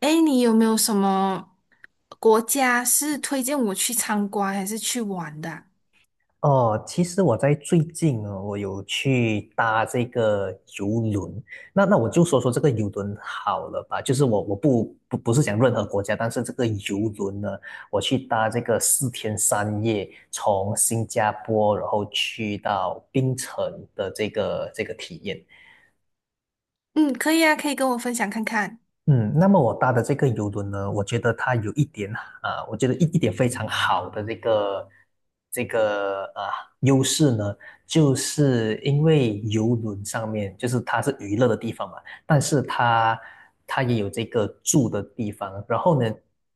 哎，你有没有什么国家是推荐我去参观还是去玩的啊？哦，其实我在最近呢，我有去搭这个游轮。那我就说说这个游轮好了吧，就是我不是讲任何国家，但是这个游轮呢，我去搭这个四天三夜，从新加坡然后去到槟城的这个体验。嗯，可以啊，可以跟我分享看看。嗯，那么我搭的这个游轮呢，我觉得它有一点我觉得一点非常好的这个优势呢，就是因为游轮上面就是它是娱乐的地方嘛，但是它也有这个住的地方。然后呢，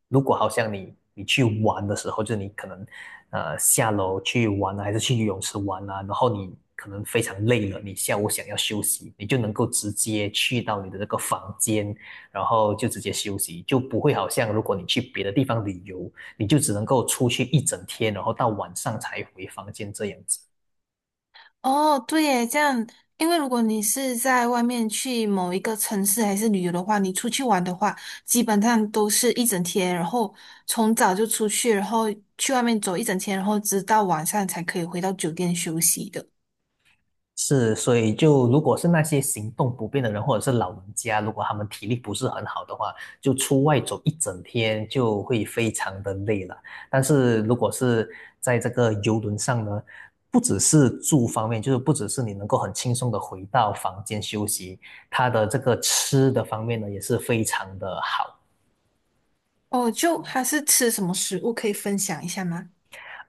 如果好像你去玩的时候，就是你可能下楼去玩啊，还是去游泳池玩啊，然后你可能非常累了，你下午想要休息，你就能够直接去到你的这个房间。然后就直接休息，就不会好像如果你去别的地方旅游，你就只能够出去一整天，然后到晚上才回房间这样子。哦，对耶，这样，因为如果你是在外面去某一个城市还是旅游的话，你出去玩的话，基本上都是一整天，然后从早就出去，然后去外面走一整天，然后直到晚上才可以回到酒店休息的。是，所以就如果是那些行动不便的人，或者是老人家，如果他们体力不是很好的话，就出外走一整天就会非常的累了。但是如果是在这个游轮上呢，不只是住方面，就是不只是你能够很轻松的回到房间休息，它的这个吃的方面呢也是非常的好。哦，就还是吃什么食物可以分享一下吗？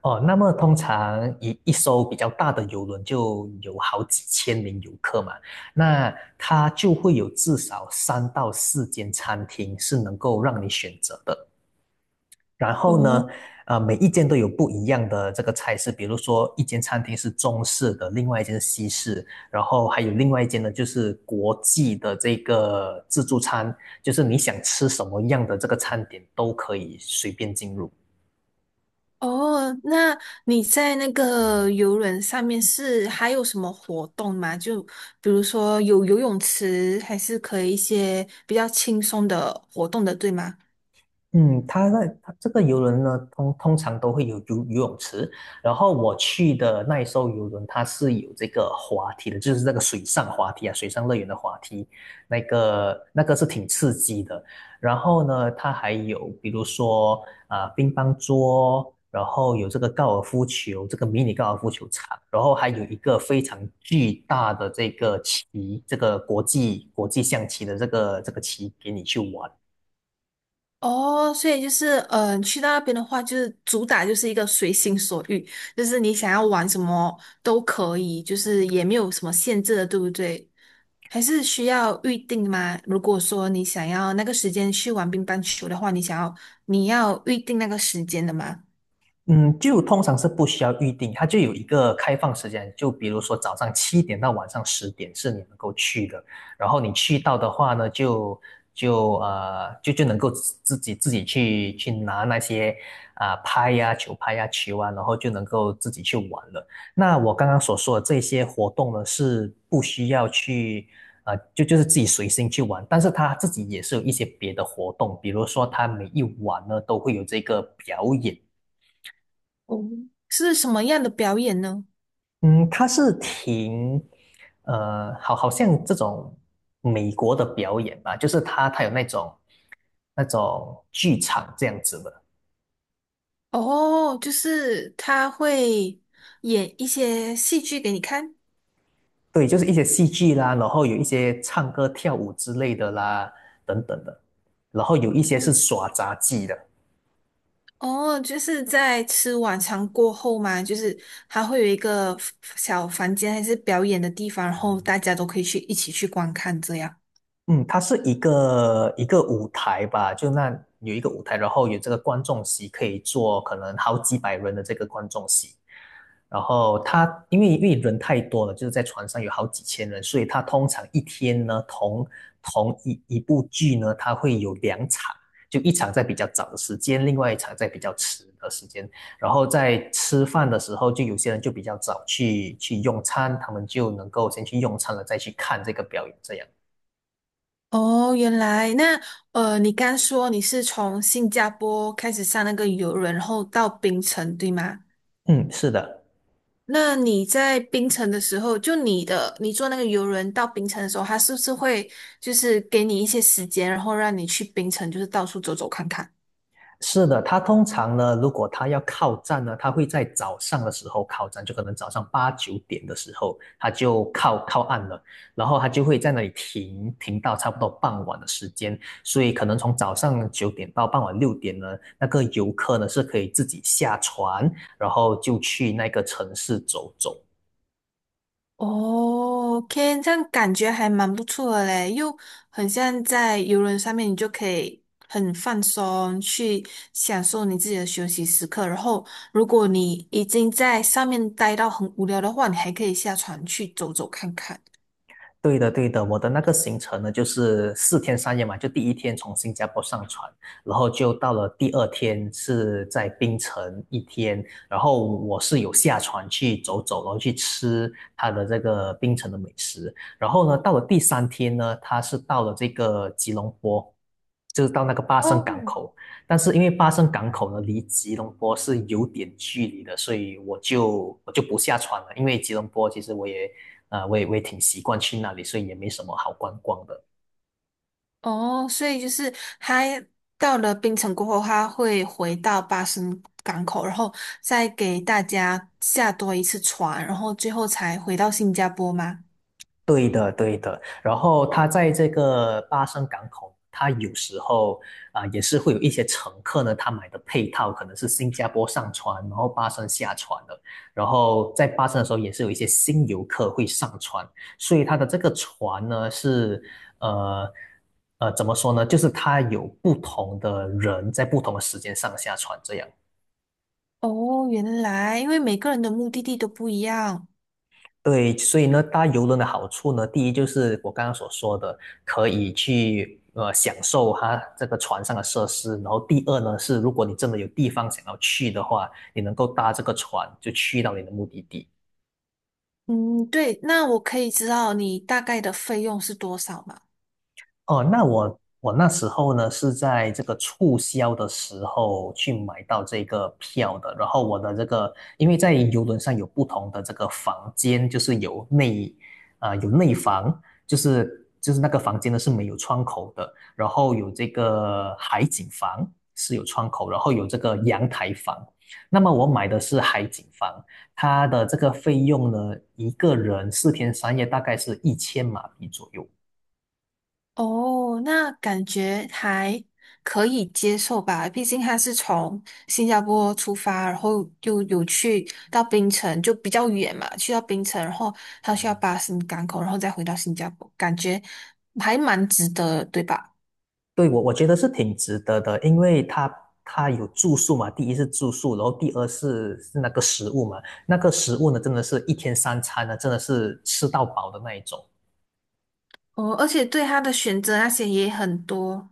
哦，那么通常一艘比较大的游轮就有好几千名游客嘛，那它就会有至少3到4间餐厅是能够让你选择的。然后哦。呢，每一间都有不一样的这个菜式，比如说一间餐厅是中式的，另外一间是西式，然后还有另外一间呢就是国际的这个自助餐，就是你想吃什么样的这个餐点都可以随便进入。哦，那你在那个游轮上面是还有什么活动吗？就比如说有游泳池，还是可以一些比较轻松的活动的，对吗？嗯，它在它这个游轮呢，通常都会有游泳池。然后我去的那一艘游轮，它是有这个滑梯的，就是那个水上滑梯啊，水上乐园的滑梯，那个是挺刺激的。然后呢，它还有比如说乒乓桌，然后有这个高尔夫球，这个迷你高尔夫球场，然后还有一个非常巨大的这个棋，这个国际象棋的这个棋给你去玩。哦，所以就是，去到那边的话，就是主打就是一个随心所欲，就是你想要玩什么都可以，就是也没有什么限制的，对不对？还是需要预定吗？如果说你想要那个时间去玩乒乓球的话，你想要你要预定那个时间的吗？嗯，就通常是不需要预定，它就有一个开放时间，就比如说早上7点到晚上10点是你能够去的，然后你去到的话呢，就能够自己去拿那些啊、呃拍呀、球拍呀、球啊，然后就能够自己去玩了。那我刚刚所说的这些活动呢，是不需要去。就是自己随心去玩，但是他自己也是有一些别的活动，比如说他每一晚呢都会有这个表演，哦，是什么样的表演呢？嗯，它是好像这种美国的表演吧，就是它有那种剧场这样子的，哦，就是他会演一些戏剧给你看。对，就是一些戏剧啦，然后有一些唱歌跳舞之类的啦，等等的，然后有一些是嗯。耍杂技的。哦，就是在吃晚餐过后嘛，就是他会有一个小房间还是表演的地方，然后大家都可以去一起去观看这样。嗯，它是一个舞台吧，就那有一个舞台，然后有这个观众席可以坐可能好几百人的这个观众席，然后它因为人太多了，就是在船上有好几千人，所以它通常一天呢同一部剧呢，它会有2场，就一场在比较早的时间，另外一场在比较迟的时间，然后在吃饭的时候，就有些人就比较早去用餐，他们就能够先去用餐了，再去看这个表演这样。哦，原来。那你刚说你是从新加坡开始上那个游轮，然后到槟城，对吗？嗯，是的，那你在冰城的时候，就你坐那个游轮到冰城的时候，他是不是会就是给你一些时间，然后让你去冰城，就是到处走走看看？是的。它通常呢，如果它要靠站呢，它会在早上的时候靠站，就可能早上8、9点的时候，它就靠岸了，然后它就会在那里停到差不多傍晚的时间。所以可能从早上9点到傍晚6点呢，那个游客呢是可以自己下船，然后就去那个城市走走。哦，OK，这样感觉还蛮不错的嘞，又很像在游轮上面，你就可以很放松，去享受你自己的休息时刻。然后，如果你已经在上面待到很无聊的话，你还可以下船去走走看看。对的，对的，我的那个行程呢，就是四天三夜嘛，就第一天从新加坡上船，然后就到了第二天是在槟城一天，然后我是有下船去走走，然后去吃它的这个槟城的美食，然后呢，到了第三天呢，它是到了这个吉隆坡，就是到那个巴生哦。港口，但是因为巴生港口呢离吉隆坡是有点距离的，所以我就不下船了，因为吉隆坡其实我也啊，我也我也挺习惯去那里，所以也没什么好观光的。哦，所以就是他到了槟城过后，他会回到巴生港口，然后再给大家下多一次船，然后最后才回到新加坡吗？对的，对的。然后它在这个巴生港口，它有时候也是会有一些乘客呢，他买的配套可能是新加坡上船，然后巴生下船的。然后在巴生的时候，也是有一些新游客会上船，所以它的这个船呢是呃。怎么说呢？就是它有不同的人在不同的时间上下船这样。哦，原来因为每个人的目的地都不一样。对，所以呢，搭游轮的好处呢，第一就是我刚刚所说的，可以去享受它这个船上的设施。然后第二呢是，如果你真的有地方想要去的话，你能够搭这个船就去到你的目的地。嗯，对，那我可以知道你大概的费用是多少吗？哦，那我那时候呢是在这个促销的时候去买到这个票的，然后我的这个因为在游轮上有不同的这个房间，就是有内房，就是那个房间呢是没有窗口的，然后有这个海景房是有窗口，然后有这个阳台房。那么我买的是海景房，它的这个费用呢，一个人四天三夜大概是1000马币左右。哦，那感觉还可以接受吧，毕竟他是从新加坡出发，然后又有去到槟城，就比较远嘛，去到槟城，然后他需要巴士港口，然后再回到新加坡，感觉还蛮值得，对吧？对，我觉得是挺值得的，因为它有住宿嘛，第一是住宿，然后第二是那个食物嘛，那个食物呢，真的是一天三餐呢，真的是吃到饱的那一种。哦，而且对他的选择那些也很多。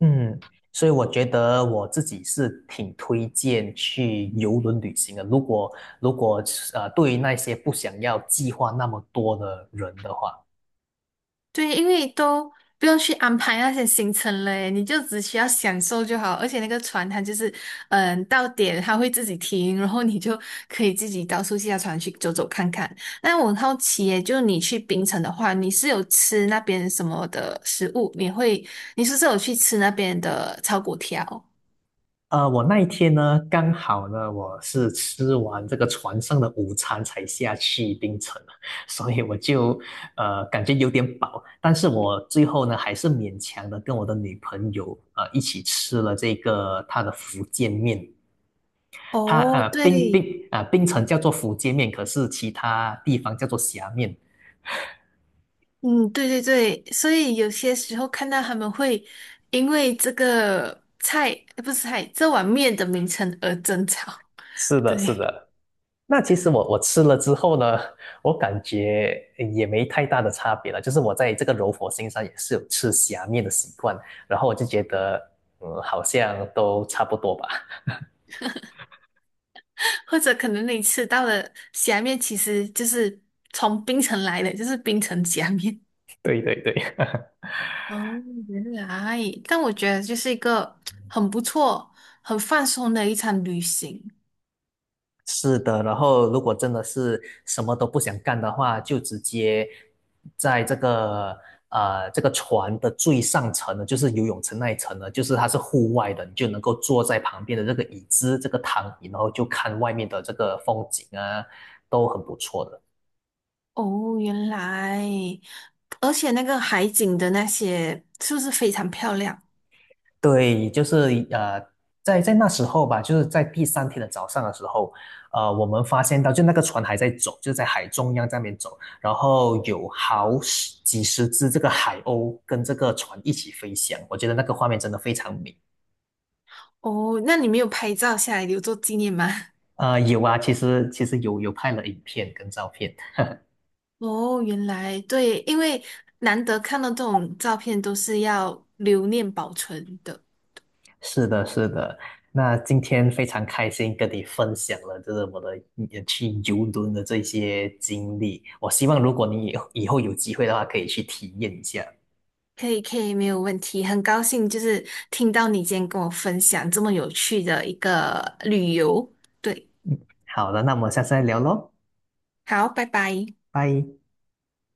嗯，所以我觉得我自己是挺推荐去游轮旅行的。如果对于那些不想要计划那么多的人的话。对，因为都不用去安排那些行程了，诶你就只需要享受就好。而且那个船它就是，嗯，到点它会自己停，然后你就可以自己到处下船去走走看看。那我很好奇耶，就你去冰城的话，你是有吃那边什么的食物？你会，你是不是有去吃那边的炒粿条？我那一天呢，刚好呢，我是吃完这个船上的午餐才下去槟城的 所以我就感觉有点饱，但是我最后呢，还是勉强的跟我的女朋友一起吃了这个她的福建面，她哦，对。冰城叫做福建面，可是其他地方叫做虾面。嗯，对对对，所以有些时候看到他们会因为这个菜，不是菜，这碗面的名称而争吵。是 的，对。是的。那其实我吃了之后呢，我感觉也没太大的差别了。就是我在这个柔佛新上也是有吃虾面的习惯，然后我就觉得，嗯，好像都差不多吧。或者可能你吃到的虾面其实就是从冰城来的，就是冰城虾面。对对对，哦，原来，但我觉得就是一个很不错、很放松的一场旅行。是的，然后如果真的是什么都不想干的话，就直接在这个船的最上层呢，就是游泳池那一层呢，就是它是户外的，你就能够坐在旁边的这个椅子、这个躺椅，然后就看外面的这个风景啊，都很不错的。哦，原来，而且那个海景的那些是不是非常漂亮？对，就是在那时候吧，就是在第三天的早上的时候，我们发现到就那个船还在走，就在海中央在那边走，然后有好十几十只这个海鸥跟这个船一起飞翔，我觉得那个画面真的非常美。哦，那你没有拍照下来留作纪念吗？有啊，其实有拍了影片跟照片，哦，原来对，因为难得看到这种照片，都是要留念保存的。是的，是的。那今天非常开心跟你分享了，就是我的也去游轮的这些经历。我希望如果你以后有机会的话，可以去体验一下。可以，可以，没有问题。很高兴就是听到你今天跟我分享这么有趣的一个旅游。对。好的，那我们下次再聊喽，好，拜拜。拜。